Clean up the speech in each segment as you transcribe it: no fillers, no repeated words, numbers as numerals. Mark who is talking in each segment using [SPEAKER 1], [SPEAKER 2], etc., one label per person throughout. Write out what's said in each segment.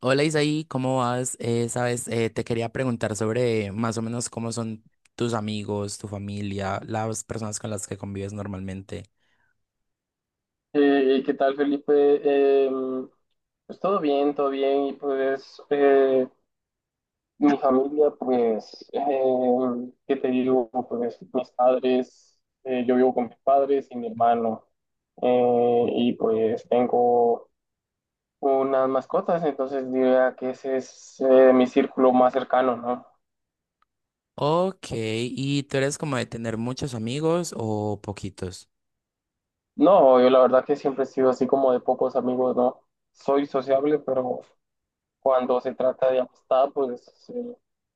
[SPEAKER 1] Hola Isaí, ¿cómo vas? Sabes, te quería preguntar sobre más o menos cómo son tus amigos, tu familia, las personas con las que convives normalmente.
[SPEAKER 2] ¿Qué tal, Felipe? Eh, pues todo bien, todo bien. Y pues mi familia, pues, ¿qué te digo? Pues mis padres, yo vivo con mis padres y mi hermano. Y pues tengo unas mascotas, entonces diría que ese es mi círculo más cercano, ¿no?
[SPEAKER 1] Ok, ¿y tú eres como de tener muchos amigos o poquitos?
[SPEAKER 2] No, yo la verdad que siempre he sido así como de pocos amigos, ¿no? Soy sociable, pero cuando se trata de amistad, pues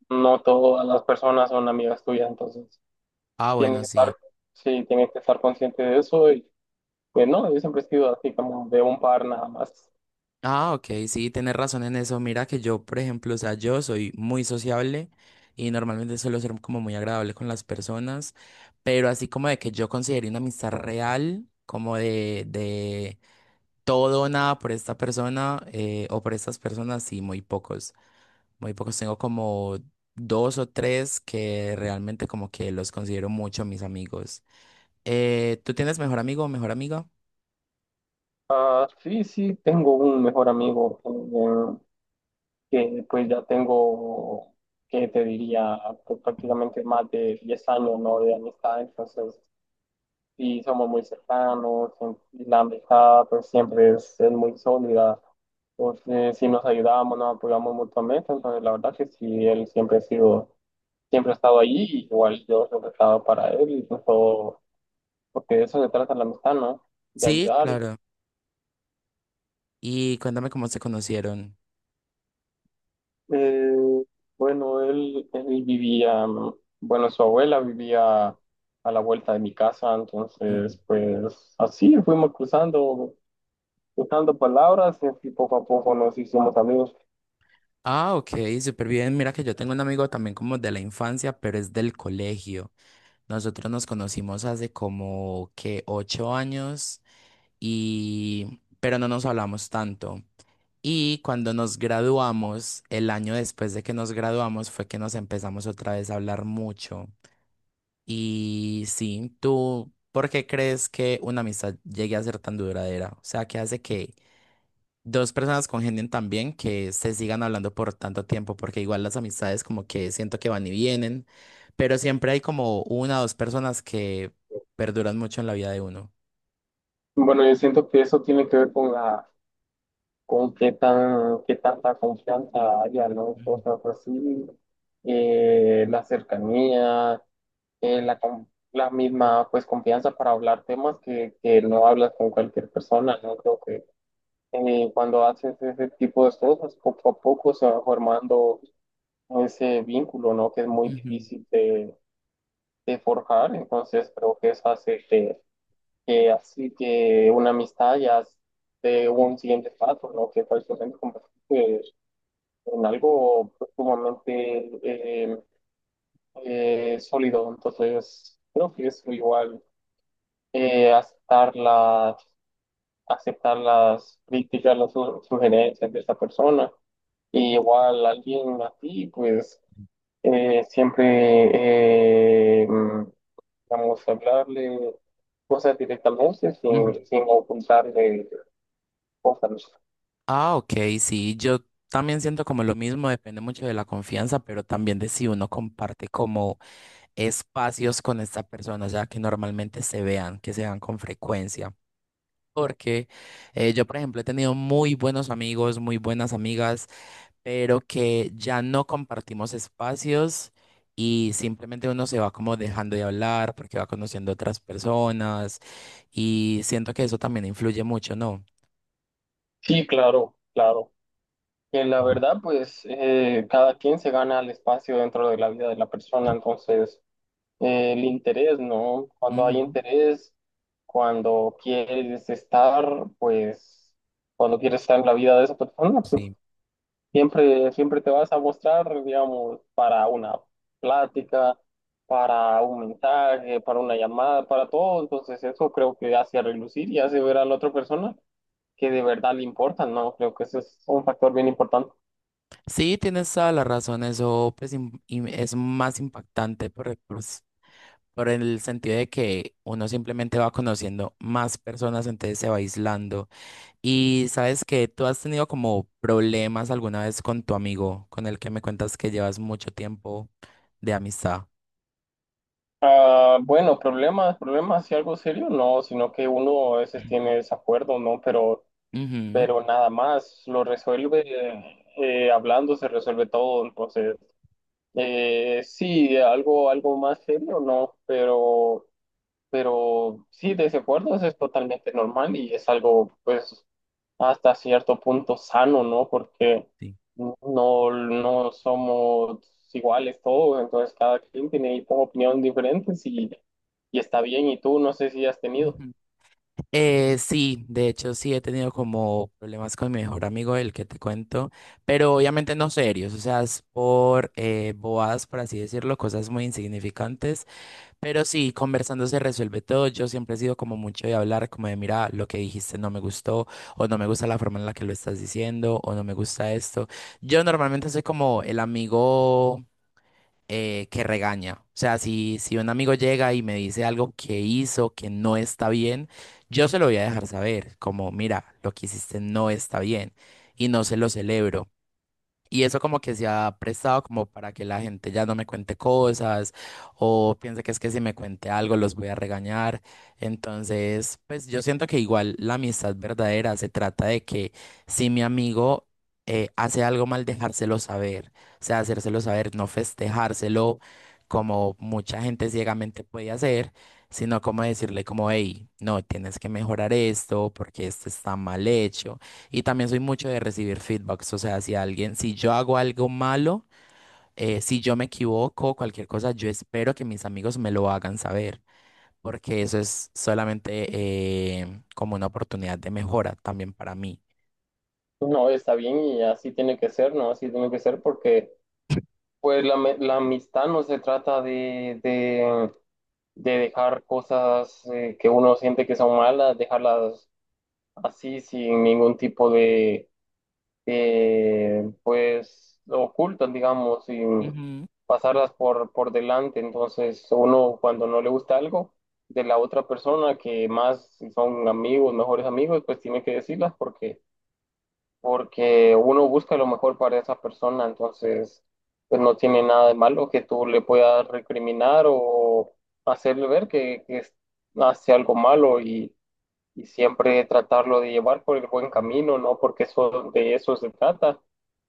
[SPEAKER 2] no todas las personas son amigas tuyas, entonces
[SPEAKER 1] Ah,
[SPEAKER 2] tienes
[SPEAKER 1] bueno,
[SPEAKER 2] que
[SPEAKER 1] sí.
[SPEAKER 2] estar, sí, tienes que estar consciente de eso. Y pues no, yo siempre he sido así como de un par nada más.
[SPEAKER 1] Ah, ok, sí, tienes razón en eso. Mira que yo, por ejemplo, o sea, yo soy muy sociable y normalmente suelo ser como muy agradable con las personas, pero así como de que yo considere una amistad real, como de todo o nada por esta persona, o por estas personas, sí, muy pocos. Muy pocos. Tengo como dos o tres que realmente como que los considero mucho mis amigos. ¿Tú tienes mejor amigo o mejor amiga?
[SPEAKER 2] Ah, sí, sí, tengo un mejor amigo, que pues ya tengo, que te diría, pues, prácticamente más de 10 años, ¿no? De amistad. Entonces sí, somos muy cercanos y la amistad pues siempre es muy sólida. Entonces, sí nos ayudamos, nos apoyamos mutuamente. Entonces, la verdad que sí, él siempre ha sido, siempre ha estado allí, igual yo siempre he estado para él, incluso porque de eso se trata la amistad, ¿no? De
[SPEAKER 1] Sí,
[SPEAKER 2] ayudar.
[SPEAKER 1] claro. Y cuéntame cómo se conocieron.
[SPEAKER 2] Eh, bueno, él vivía, bueno, su abuela vivía a la vuelta de mi casa,
[SPEAKER 1] Ujú.
[SPEAKER 2] entonces, pues así fuimos cruzando, usando palabras, y poco a poco nos hicimos amigos.
[SPEAKER 1] Ah, ok, súper bien. Mira que yo tengo un amigo también como de la infancia, pero es del colegio. Nosotros nos conocimos hace como que 8 años y pero no nos hablamos tanto. Y cuando nos graduamos, el año después de que nos graduamos, fue que nos empezamos otra vez a hablar mucho. Y sí, ¿tú por qué crees que una amistad llegue a ser tan duradera? O sea, ¿qué hace que dos personas congenien tan bien que se sigan hablando por tanto tiempo? Porque igual las amistades como que siento que van y vienen, pero siempre hay como una o dos personas que perduran mucho en la vida de uno.
[SPEAKER 2] Bueno, yo siento que eso tiene que ver con la, con qué tan, qué tanta confianza haya, ¿no?
[SPEAKER 1] Ujú,
[SPEAKER 2] Cosas así, la cercanía, la, la misma, pues, confianza para hablar temas que no hablas con cualquier persona, ¿no? Creo que cuando haces ese tipo de cosas, poco a poco se va formando ese vínculo, ¿no? Que es muy
[SPEAKER 1] ujú,
[SPEAKER 2] difícil de forjar. Entonces creo que eso hace que así que una amistad ya es de un siguiente paso, ¿no? Que prácticamente convertirse en algo pues, sumamente eh, sólido. Entonces, creo que eso igual, eh, aceptar las, aceptar las críticas, las sugerencias de esa persona. Y igual alguien así, pues, eh, siempre, eh, vamos a hablarle cosas directamente
[SPEAKER 1] ujú.
[SPEAKER 2] sin, sin ocultarle cosas, ¿no?
[SPEAKER 1] Ah, ok, sí, yo también siento como lo mismo, depende mucho de la confianza, pero también de si uno comparte como espacios con esta persona, ya que normalmente se vean, que se vean con frecuencia. Porque yo, por ejemplo, he tenido muy buenos amigos, muy buenas amigas, pero que ya no compartimos espacios y simplemente uno se va como dejando de hablar porque va conociendo otras personas y siento que eso también influye mucho, ¿no?
[SPEAKER 2] Sí, claro, claro. Que la
[SPEAKER 1] Ujú.
[SPEAKER 2] verdad, pues cada quien se gana el espacio dentro de la vida de la persona. Entonces, el interés, ¿no? Cuando hay interés, cuando quieres estar, pues cuando quieres estar en la vida de esa persona, pues
[SPEAKER 1] Sí.
[SPEAKER 2] siempre, siempre te vas a mostrar, digamos, para una plática, para un mensaje, para una llamada, para todo. Entonces eso creo que hace relucir y hace ver a la otra persona que de verdad le importan, ¿no? Creo que eso es un factor bien importante.
[SPEAKER 1] Sí, tienes toda la razón, eso pues, es más impactante por, el pues, por el sentido de que uno simplemente va conociendo más personas, entonces se va aislando. Y sabes que tú has tenido como problemas alguna vez con tu amigo, con el que me cuentas que llevas mucho tiempo de amistad.
[SPEAKER 2] Ah, bueno, problemas, problemas y algo serio, no, sino que uno a veces tiene desacuerdo, ¿no?
[SPEAKER 1] Ujú.
[SPEAKER 2] Pero nada más, lo resuelve, hablando se resuelve todo. Entonces, sí, algo, algo más serio, ¿no? Pero sí, desacuerdos es totalmente normal y es algo, pues, hasta cierto punto sano, ¿no? Porque
[SPEAKER 1] Sí.
[SPEAKER 2] no, no somos iguales todos, entonces cada quien tiene ahí como opiniones diferentes y está bien. Y tú no sé si has tenido.
[SPEAKER 1] Sí, de hecho sí he tenido como problemas con mi mejor amigo, el que te cuento, pero obviamente no serios, o sea, es por bobadas, por así decirlo, cosas muy insignificantes, pero sí, conversando se resuelve todo. Yo siempre he sido como mucho de hablar, como de, mira, lo que dijiste no me gustó, o no me gusta la forma en la que lo estás diciendo, o no me gusta esto. Yo normalmente soy como el amigo que regaña. O sea, si un amigo llega y me dice algo que hizo que no está bien, yo se lo voy a dejar saber, como, mira, lo que hiciste no está bien y no se lo celebro. Y eso como que se ha prestado como para que la gente ya no me cuente cosas o piense que es que si me cuente algo los voy a regañar. Entonces, pues yo siento que igual la amistad verdadera se trata de que si mi amigo hace algo mal, dejárselo saber, o sea, hacérselo saber, no festejárselo como mucha gente ciegamente puede hacer, sino como decirle como, hey, no, tienes que mejorar esto porque esto está mal hecho. Y también soy mucho de recibir feedbacks, o sea, si alguien, si yo hago algo malo, si yo me equivoco, cualquier cosa, yo espero que mis amigos me lo hagan saber, porque eso es solamente como una oportunidad de mejora también para mí.
[SPEAKER 2] No, está bien y así tiene que ser, ¿no? Así tiene que ser porque pues la, la amistad no se trata de dejar cosas que uno siente que son malas, dejarlas así sin ningún tipo de pues ocultan, digamos, y
[SPEAKER 1] Ujú,
[SPEAKER 2] pasarlas por delante. Entonces, uno cuando no le gusta algo de la otra persona, que más si son amigos, mejores amigos, pues tiene que decirlas porque, porque uno busca lo mejor para esa persona. Entonces, pues no tiene nada de malo que tú le puedas recriminar o hacerle ver que, hace algo malo y siempre tratarlo de llevar por el buen camino, ¿no? Porque eso, de eso se trata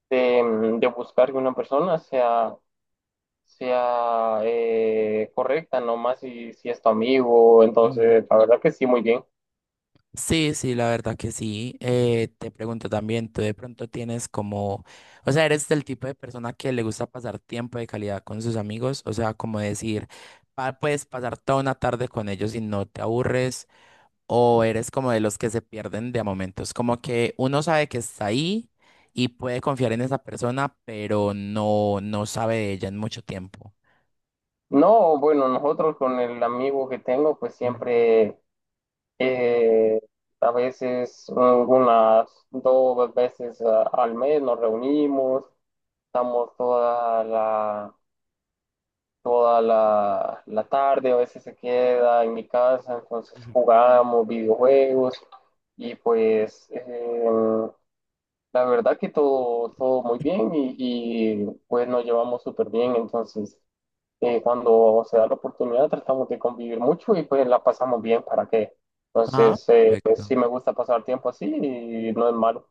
[SPEAKER 2] de, de buscar que una persona sea, sea correcta, no más si, si es tu amigo.
[SPEAKER 1] ujú.
[SPEAKER 2] Entonces la verdad que sí, muy bien.
[SPEAKER 1] Sí, sí, la verdad que sí. Te pregunto también, tú de pronto tienes como, o sea, eres del tipo de persona que le gusta pasar tiempo de calidad con sus amigos, o sea, como decir, puedes pasar toda una tarde con ellos y no te aburres. ¿O eres como de los que se pierden de a momentos? Como que uno sabe que está ahí y puede confiar en esa persona, pero no sabe de ella en mucho tiempo.
[SPEAKER 2] No, bueno, nosotros con el amigo que tengo, pues
[SPEAKER 1] Ujú,
[SPEAKER 2] siempre, eh, a veces, unas 2 veces al mes nos reunimos, estamos toda la, la tarde, a veces se queda en mi casa, entonces
[SPEAKER 1] ujú.
[SPEAKER 2] jugamos videojuegos y pues la verdad que todo, todo muy bien y, pues nos llevamos súper bien. Entonces cuando se da la oportunidad tratamos de convivir mucho y pues la pasamos bien, ¿para qué?
[SPEAKER 1] Ah,
[SPEAKER 2] Entonces, sí
[SPEAKER 1] perfecto.
[SPEAKER 2] me gusta pasar tiempo así y no es malo.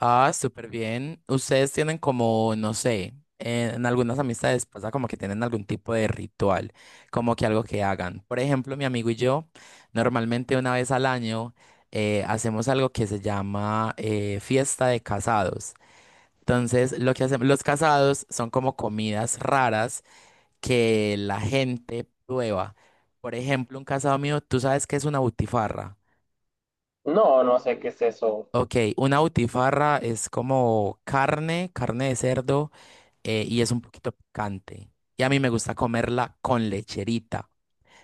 [SPEAKER 1] Ah, súper bien. Ustedes tienen como, no sé, en algunas amistades pasa como que tienen algún tipo de ritual, como que algo que hagan. Por ejemplo, mi amigo y yo, normalmente una vez al año hacemos algo que se llama, fiesta de casados. Entonces, lo que hacemos, los casados son como comidas raras que la gente prueba. Por ejemplo, un casado mío, ¿tú sabes qué es una butifarra?
[SPEAKER 2] No, no sé qué es eso.
[SPEAKER 1] Ok, una butifarra es como carne, carne de cerdo, y es un poquito picante. Y a mí me gusta comerla con lecherita.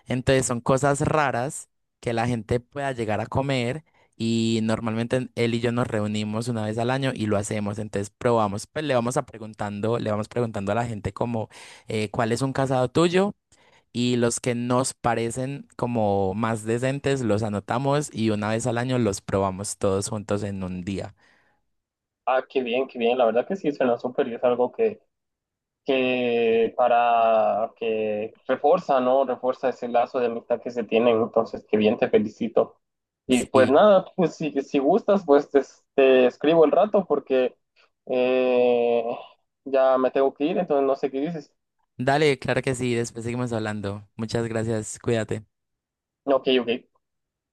[SPEAKER 1] Entonces son cosas raras que la gente pueda llegar a comer y normalmente él y yo nos reunimos una vez al año y lo hacemos. Entonces probamos, pues le vamos a preguntando, le vamos preguntando a la gente como, ¿cuál es un casado tuyo? Y los que nos parecen como más decentes los anotamos y una vez al año los probamos todos juntos en un día.
[SPEAKER 2] Ah, qué bien, la verdad que sí suena súper y es algo que para que refuerza ¿no? Refuerza ese lazo de amistad que se tienen. Entonces, qué bien, te felicito. Y pues
[SPEAKER 1] Sí,
[SPEAKER 2] nada, pues si, si gustas, pues te escribo el rato porque eh, ya me tengo que ir, entonces no sé qué dices.
[SPEAKER 1] dale, claro que sí, después seguimos hablando. Muchas gracias, cuídate.
[SPEAKER 2] Ok, ok.